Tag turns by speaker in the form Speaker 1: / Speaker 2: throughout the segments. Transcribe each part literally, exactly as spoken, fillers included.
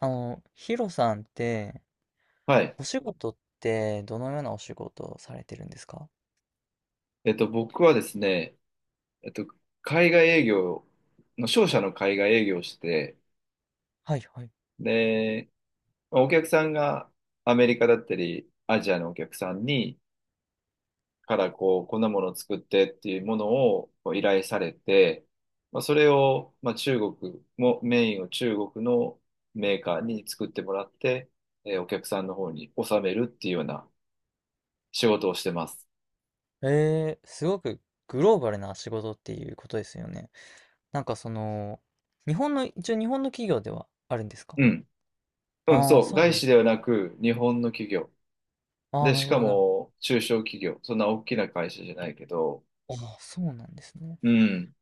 Speaker 1: あの、ヒロさんって、
Speaker 2: はい。
Speaker 1: お仕事ってどのようなお仕事をされてるんですか？
Speaker 2: えっと、僕はですね、えっと、海外営業の、商社の海外営業をして、
Speaker 1: はいはい。
Speaker 2: で、まあお客さんがアメリカだったり、アジアのお客さんに、からこう、こんなものを作ってっていうものをこう依頼されて、まあ、それを、まあ、中国も、メインを中国のメーカーに作ってもらって、えーお客さんの方に納めるっていうような仕事をしてます。
Speaker 1: えー、すごくグローバルな仕事っていうことですよね。なんかその、日本の、一応日本の企業ではあるんですか？
Speaker 2: うん。うん、
Speaker 1: ああー、
Speaker 2: そう。
Speaker 1: そう
Speaker 2: 外
Speaker 1: なの。
Speaker 2: 資ではなく、日本の企業。
Speaker 1: ああ、
Speaker 2: で、
Speaker 1: な
Speaker 2: し
Speaker 1: るほ
Speaker 2: か
Speaker 1: どなる
Speaker 2: も中小企業、そんな大きな会社じゃないけど、
Speaker 1: ほど。ああ、そうなんですね。
Speaker 2: うん。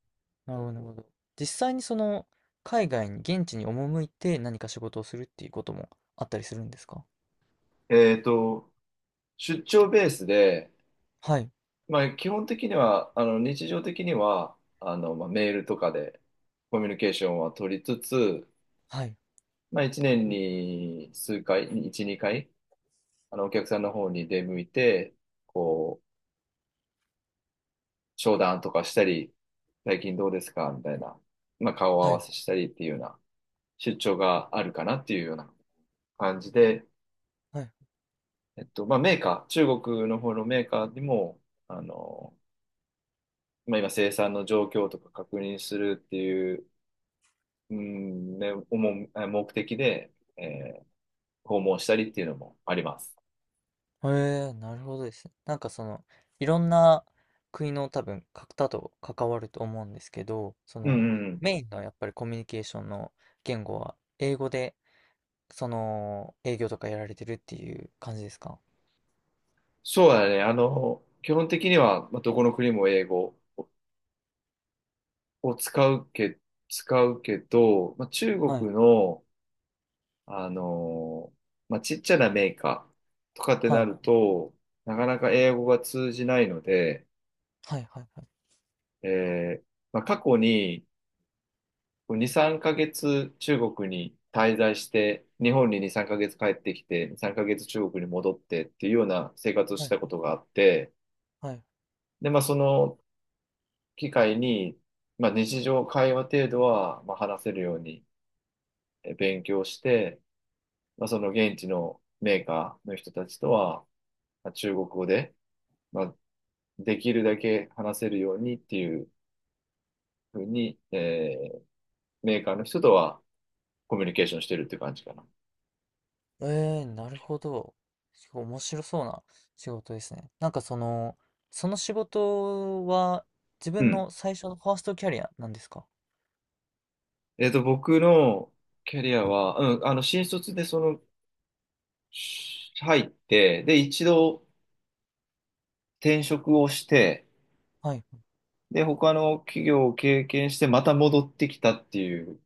Speaker 1: なるほど、なるほど。実際にその、海外に、現地に赴いて何か仕事をするっていうこともあったりするんですか？
Speaker 2: えっと、出張ベースで、
Speaker 1: はい、
Speaker 2: まあ、基本的には、あの、日常的には、あの、まあ、メールとかでコミュニケーションは取りつつ、
Speaker 1: はい、
Speaker 2: まあ、いちねんに数回、いち、にかい、あの、お客さんの方に出向いて、こう、商談とかしたり、最近どうですかみたいな、まあ、顔合
Speaker 1: は
Speaker 2: わ
Speaker 1: い、
Speaker 2: せしたりっていうような出張があるかなっていうような感じで、
Speaker 1: はい。
Speaker 2: えっと、まあ、メーカー、中国の方のメーカーにも、あの、まあ、今生産の状況とか確認するっていう、うん、ね、思うあ目的で、えー訪問したりっていうのもあります。
Speaker 1: へえ、なるほどですね。なんかその、いろんな国の多分方と関わると思うんですけど、そ
Speaker 2: うん、
Speaker 1: の、
Speaker 2: うん。
Speaker 1: メインのやっぱりコミュニケーションの言語は英語で、その、営業とかやられてるっていう感じですか？
Speaker 2: そうだね。あの、基本的には、まあ、どこの国も英語を使うけ、使うけど、まあ、中
Speaker 1: はい。
Speaker 2: 国の、あの、まあ、ちっちゃなメーカーとかって
Speaker 1: は
Speaker 2: な
Speaker 1: い。
Speaker 2: ると、なかなか英語が通じないので、
Speaker 1: はいはいは
Speaker 2: えーまあ、過去にこうに、さんかげつ中国に滞在して、日本にに、さんかげつ帰ってきて、に、さんかげつ中国に戻ってっていうような生活を
Speaker 1: い。
Speaker 2: し
Speaker 1: は
Speaker 2: たこ
Speaker 1: い。
Speaker 2: とがあって、
Speaker 1: はい。
Speaker 2: で、まあ、その機会に、まあ、日常会話程度は、まあ、話せるようにえ勉強して、まあ、その現地のメーカーの人たちとは、まあ、中国語で、まあ、できるだけ話せるようにっていうふうに、えーメーカーの人とはコミュニケーションしてるって感じかな。
Speaker 1: ええ、なるほど。すごい面白そうな仕事ですね。なんかその、その仕事は自
Speaker 2: う
Speaker 1: 分
Speaker 2: ん。
Speaker 1: の最初のファーストキャリアなんですか？
Speaker 2: えっと、僕のキャリアは、うん、あの、新卒でその、し入って、で、一度転職をして、
Speaker 1: はい。
Speaker 2: で、他の企業を経験して、また戻ってきたっていう、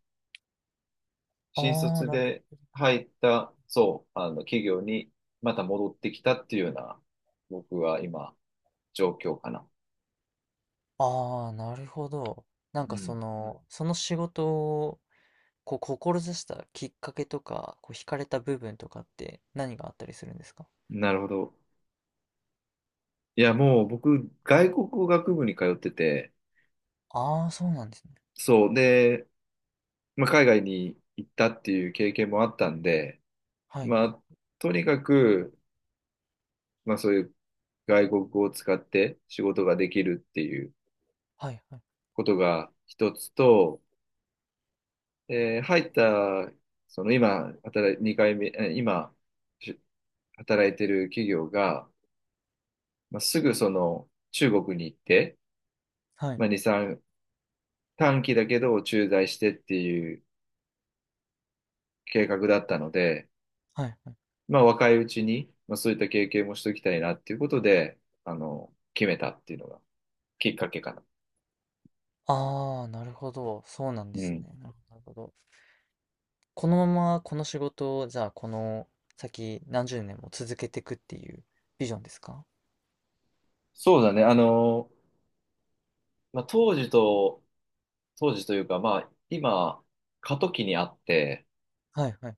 Speaker 2: 新
Speaker 1: ああ、
Speaker 2: 卒
Speaker 1: なるほど
Speaker 2: で入った、そう、あの、企業にまた戻ってきたっていうような、僕は今、状況かな。
Speaker 1: ああ、なるほど。なん
Speaker 2: う
Speaker 1: かそ
Speaker 2: ん。
Speaker 1: の、その仕事をこう志したきっかけとか、こう惹かれた部分とかって何があったりするんですか？
Speaker 2: なるほど。いや、もう僕、外国語学部に通ってて、
Speaker 1: ああー、そうなんですね。
Speaker 2: そう、で、まあ、海外に行ったっていう経験もあったんで、
Speaker 1: はい、
Speaker 2: ま
Speaker 1: はい、
Speaker 2: あ、とにかく、まあそういう外国語を使って仕事ができるっていう
Speaker 1: はい、
Speaker 2: ことが一つと、えー入った、その今、働い、にかいめ、えー今、し働いてる企業が、まあ、すぐその中国に行って、
Speaker 1: はい、
Speaker 2: まあ、に、さん、短期だけど駐在してっていう計画だったので、
Speaker 1: はい、はい。
Speaker 2: まあ若いうちに、まあそういった経験もしておきたいなっていうことで、あの、決めたっていうのがきっかけかな。
Speaker 1: ああ、なるほど。そうなんで
Speaker 2: う
Speaker 1: すね。
Speaker 2: ん
Speaker 1: なるほど。なるほど。このままこの仕事を、じゃあこの先何十年も続けていくっていうビジョンですか？
Speaker 2: そうだね。あの、まあ、当時と、当時というか、まあ、今、過渡期にあって、
Speaker 1: はい、はい、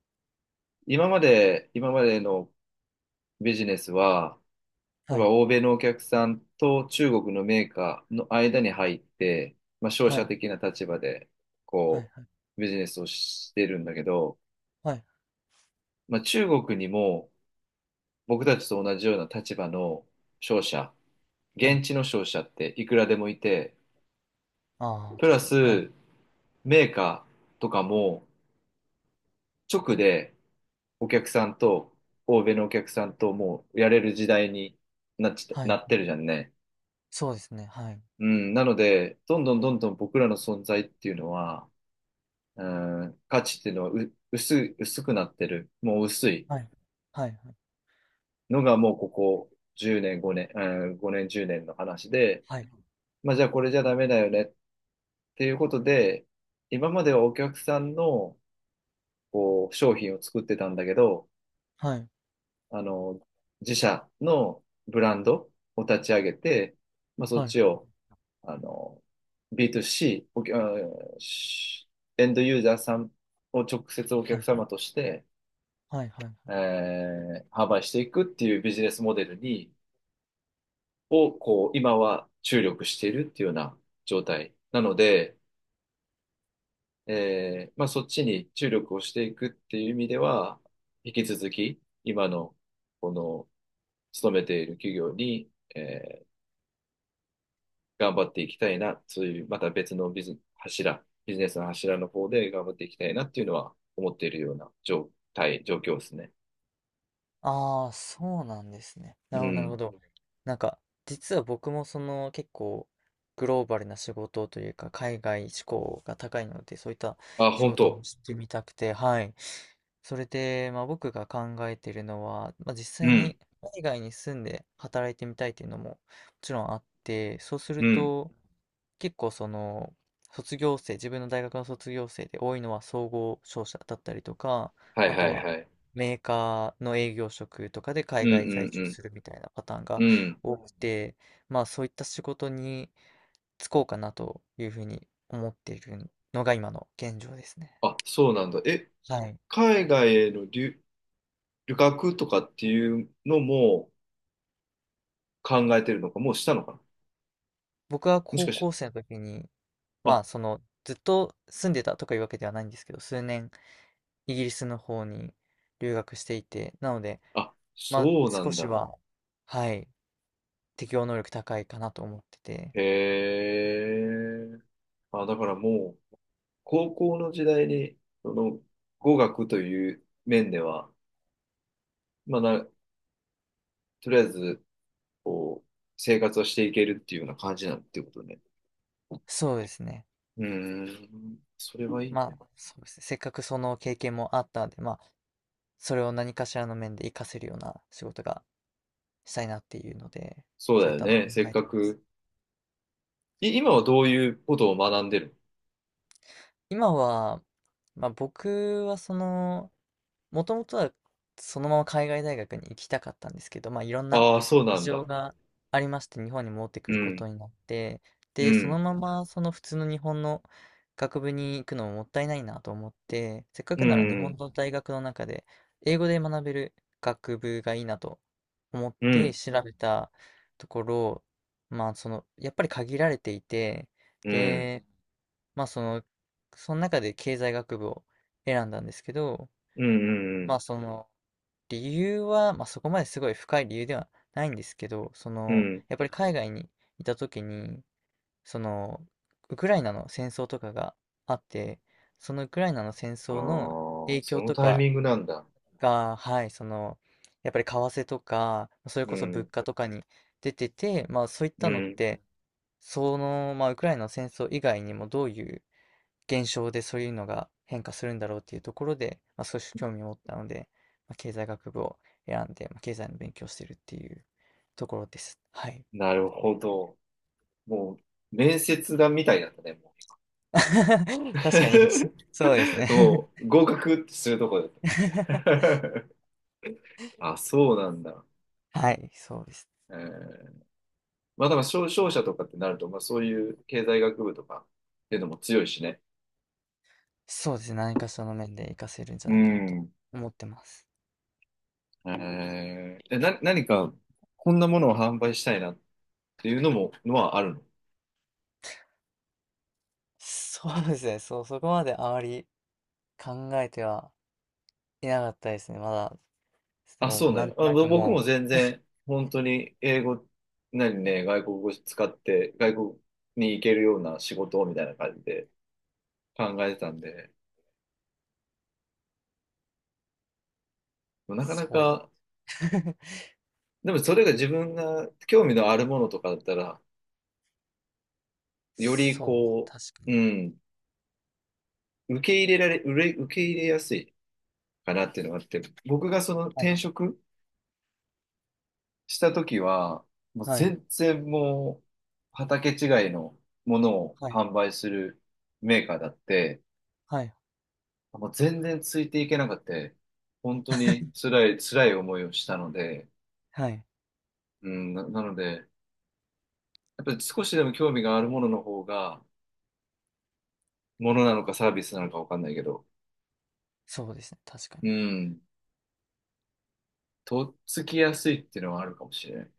Speaker 2: 今まで、今までのビジネスは、例え
Speaker 1: は
Speaker 2: ば
Speaker 1: い、
Speaker 2: 欧米のお客さんと中国のメーカーの間に入って、まあ、商
Speaker 1: は
Speaker 2: 社
Speaker 1: い、
Speaker 2: 的な立場で、
Speaker 1: はい、
Speaker 2: こ
Speaker 1: はい、
Speaker 2: う、ビジネスをしてるんだけど、
Speaker 1: はい、
Speaker 2: まあ、中国にも僕たちと同じような立場の商社、
Speaker 1: はい。
Speaker 2: 現地の商社っていくらでもいて、
Speaker 1: ああ、
Speaker 2: プラ
Speaker 1: 確かに。はい、
Speaker 2: スメーカーとかも直で、お客さんと、欧米のお客さんともうやれる時代になっちゃ、
Speaker 1: は
Speaker 2: な
Speaker 1: い。
Speaker 2: ってるじゃんね。
Speaker 1: そうですね。はい。
Speaker 2: うん。なので、どんどんどんどん僕らの存在っていうのは、うん、価値っていうのはう、薄い、薄くなってる。もう薄い
Speaker 1: はい。はいはい。
Speaker 2: のがもうここじゅうねん、ごねん、うん、ごねん、じゅうねんの話で、
Speaker 1: はい。
Speaker 2: まあじゃあこれじゃダメだよねっていうことで、今まではお客さんのこう商品を作ってたんだけど、
Speaker 1: はい。
Speaker 2: あの、自社のブランドを立ち上げて、まあ、そっ
Speaker 1: はいは
Speaker 2: ちを、
Speaker 1: い。
Speaker 2: あの、ビーツー c お客うんしエンドユーザーさんを直接お
Speaker 1: は
Speaker 2: 客
Speaker 1: い
Speaker 2: 様として、
Speaker 1: はいはい。
Speaker 2: えー販売していくっていうビジネスモデルに、を、こう、今は注力しているっていうような状態なので、えーまあ、そっちに注力をしていくっていう意味では、引き続き、今の、この、勤めている企業に、えー頑張っていきたいな、そういうまた別のビズ、柱、ビジネスの柱の方で頑張っていきたいなっていうのは思っているような状態、状況ですね。
Speaker 1: ああ、そうなんですね。
Speaker 2: う
Speaker 1: なるほど、なるほ
Speaker 2: ん。
Speaker 1: ど。なんか、実は僕もその結構グローバルな仕事というか、海外志向が高いので、そういった
Speaker 2: あ、
Speaker 1: 仕
Speaker 2: 本
Speaker 1: 事を
Speaker 2: 当。
Speaker 1: してみたくて、はい。それで、まあ僕が考えているのは、まあ実
Speaker 2: う
Speaker 1: 際
Speaker 2: ん。
Speaker 1: に海外に住んで働いてみたいっていうのももちろんあって、そうす
Speaker 2: う
Speaker 1: る
Speaker 2: ん。
Speaker 1: と、結構その卒業生自分の大学の卒業生で多いのは総合商社だったりとか
Speaker 2: はい
Speaker 1: あ
Speaker 2: は
Speaker 1: と
Speaker 2: い
Speaker 1: は
Speaker 2: はい。
Speaker 1: メーカーの営業職とかで
Speaker 2: うん
Speaker 1: 海外在
Speaker 2: う
Speaker 1: 住
Speaker 2: ん
Speaker 1: するみたいなパターン
Speaker 2: う
Speaker 1: が
Speaker 2: ん。うん。
Speaker 1: 多くて、まあそういった仕事に就こうかなというふうに思っているのが今の現状ですね。
Speaker 2: あ、そうなんだ。え、
Speaker 1: はい。
Speaker 2: 海外への留、旅客とかっていうのも考えてるのか、もうしたのかな
Speaker 1: 僕は
Speaker 2: もし
Speaker 1: 高
Speaker 2: かして。
Speaker 1: 校生の時に、ま
Speaker 2: あ、
Speaker 1: あそのずっと住んでたとかいうわけではないんですけど、数年イギリスの方に留学していて、なので、
Speaker 2: あ、
Speaker 1: まあ
Speaker 2: そうな
Speaker 1: 少
Speaker 2: ん
Speaker 1: し
Speaker 2: だ。
Speaker 1: は、はい、適応能力高いかなと思ってて、
Speaker 2: へえ。あ、だからもう、高校の時代に、その、語学という面では、まあな、とりあえず、こう、生活をしていけるっていうような感じなんていうことね。
Speaker 1: そうですね。
Speaker 2: うーん、それはいい
Speaker 1: ま
Speaker 2: ね。
Speaker 1: あ、そうですね。せっかくその経験もあったんで、まあ、それを何かしらの面で活かせるような仕事がしたいなっていうので、
Speaker 2: そう
Speaker 1: そうい
Speaker 2: だ
Speaker 1: っ
Speaker 2: よ
Speaker 1: たのを考
Speaker 2: ね。せっ
Speaker 1: えて
Speaker 2: か
Speaker 1: ます。
Speaker 2: く。い、今はどういうことを学んでる
Speaker 1: 今は、まあ僕はその、もともとはそのまま海外大学に行きたかったんですけど、まあ、いろんな
Speaker 2: ああー、そうな
Speaker 1: 事
Speaker 2: ん
Speaker 1: 情
Speaker 2: だ。
Speaker 1: がありまして、日本に戻ってく
Speaker 2: う
Speaker 1: ること
Speaker 2: ん、
Speaker 1: になって、
Speaker 2: う
Speaker 1: で、その
Speaker 2: ん、
Speaker 1: ままその普通の日本の学部に行くのももったいないなと思って、せっか
Speaker 2: う
Speaker 1: くなら日本
Speaker 2: ん、
Speaker 1: の大学の中で英語で学べる学部がいいなと思っ
Speaker 2: う
Speaker 1: て
Speaker 2: ん、
Speaker 1: 調べたところ、まあ、その、やっぱり限られていて、
Speaker 2: うん、
Speaker 1: で、まあ、その、その中で経済学部を選んだんですけど、
Speaker 2: うん、う
Speaker 1: ま
Speaker 2: ん、
Speaker 1: あ、その、理由は、まあ、そこまですごい深い理由ではないんですけど、そ
Speaker 2: う
Speaker 1: の、
Speaker 2: ん。
Speaker 1: やっぱり海外にいた時に、その、ウクライナの戦争とかがあって、そのウクライナの戦
Speaker 2: ああ
Speaker 1: 争の
Speaker 2: ー、
Speaker 1: 影
Speaker 2: そ
Speaker 1: 響
Speaker 2: の
Speaker 1: と
Speaker 2: タイ
Speaker 1: か
Speaker 2: ミングなんだ。
Speaker 1: が、はい、その、やっぱり為替とか、それ
Speaker 2: う
Speaker 1: こそ物
Speaker 2: ん、
Speaker 1: 価とかに出てて、まあそういっ
Speaker 2: う
Speaker 1: たのっ
Speaker 2: ん。
Speaker 1: て、その、まあウクライナの戦争以外にもどういう現象でそういうのが変化するんだろうっていうところで、まあ、少し興味を持ったので、まあ、経済学部を選んで、まあ、経済の勉強をしてるっていうところです。はい。
Speaker 2: なるほど。もう、面接だみたいだったね。
Speaker 1: 確かに、そうです ね。
Speaker 2: もう合格ってするとこだっ た。あ、そうなんだ。
Speaker 1: はい、そうです。
Speaker 2: えーまあだから商、商社とかってなると、まあそういう経済学部とかっていうのも強いしね。
Speaker 1: そうですね。何かその面で活かせるんじゃ
Speaker 2: う
Speaker 1: ないかなと
Speaker 2: ん。
Speaker 1: 思ってます。
Speaker 2: えー、え、な、何かこんなものを販売したいなっていうのも、のはあるの
Speaker 1: そうですね。そう、そこまであまり考えてはいなかったですね。まだ、
Speaker 2: あ、
Speaker 1: もう
Speaker 2: そう
Speaker 1: なん
Speaker 2: ね。
Speaker 1: と
Speaker 2: あ、
Speaker 1: な
Speaker 2: ぼ
Speaker 1: く
Speaker 2: 僕も
Speaker 1: も
Speaker 2: 全
Speaker 1: う、
Speaker 2: 然、本当に英語、何ね、外国語使って、外国に行けるような仕事をみたいな感じで考えてたんで、なかな
Speaker 1: そうで
Speaker 2: か
Speaker 1: す。
Speaker 2: でもそれが自分が興味のあるものとかだったら、より
Speaker 1: そう、
Speaker 2: こ
Speaker 1: 確か
Speaker 2: う、
Speaker 1: に。
Speaker 2: うん、受け入れられ、うれ受け入れやすいかなっていうのがあって、僕がその
Speaker 1: はい、
Speaker 2: 転職した時は、もう
Speaker 1: はい、
Speaker 2: 全然もう畑違いのものを
Speaker 1: はい。
Speaker 2: 販売するメーカーだって、
Speaker 1: はい。
Speaker 2: もう全然ついていけなくて、本当に 辛い、辛い思いをしたので、
Speaker 1: はい。
Speaker 2: うん、な、なので、やっぱり少しでも興味があるものの方が、ものなのかサービスなのかわかんないけど、
Speaker 1: そうですね、確か
Speaker 2: う
Speaker 1: に。
Speaker 2: ん、とっつきやすいっていうのはあるかもしれない。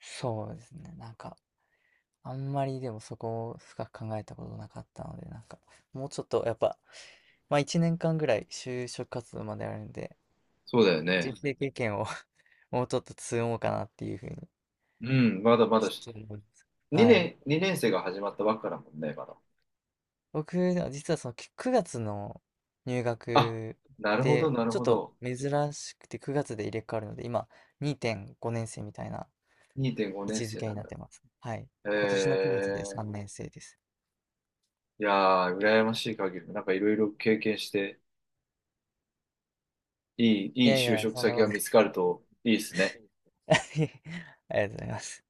Speaker 1: そうですね、なんか、あんまりでもそこを深く考えたことなかったので、なんか、もうちょっとやっぱ、まあいちねんかんぐらい就職活動まであるんで、
Speaker 2: そうだよね。
Speaker 1: 人生経験を もうちょっと積もうかなっていうふうに、
Speaker 2: うん、まだまだ
Speaker 1: ち
Speaker 2: し、
Speaker 1: ょっと思います。はい。
Speaker 2: にねん、にねん生が始まったばっかだもんね、まだ。
Speaker 1: 僕、実はそのきくがつの入
Speaker 2: あ、
Speaker 1: 学
Speaker 2: なるほど、
Speaker 1: で、
Speaker 2: なる
Speaker 1: ちょっ
Speaker 2: ほ
Speaker 1: と
Speaker 2: ど。
Speaker 1: 珍しくてくがつで入れ替わるので、今にてんごねん生みたいな
Speaker 2: 2.5
Speaker 1: 位
Speaker 2: 年
Speaker 1: 置づ
Speaker 2: 生
Speaker 1: け
Speaker 2: な
Speaker 1: に
Speaker 2: ん
Speaker 1: なっ
Speaker 2: だ。
Speaker 1: てます。はい。
Speaker 2: え
Speaker 1: 今年のくがつで3
Speaker 2: ー、
Speaker 1: 年生です。
Speaker 2: いやー、羨ましい限り、なんかいろいろ経験して、いい、い
Speaker 1: い
Speaker 2: い
Speaker 1: やい
Speaker 2: 就
Speaker 1: や、
Speaker 2: 職
Speaker 1: そんな
Speaker 2: 先
Speaker 1: こ
Speaker 2: が
Speaker 1: とな
Speaker 2: 見つ
Speaker 1: い。
Speaker 2: かるといいですね。
Speaker 1: ありがとうございます。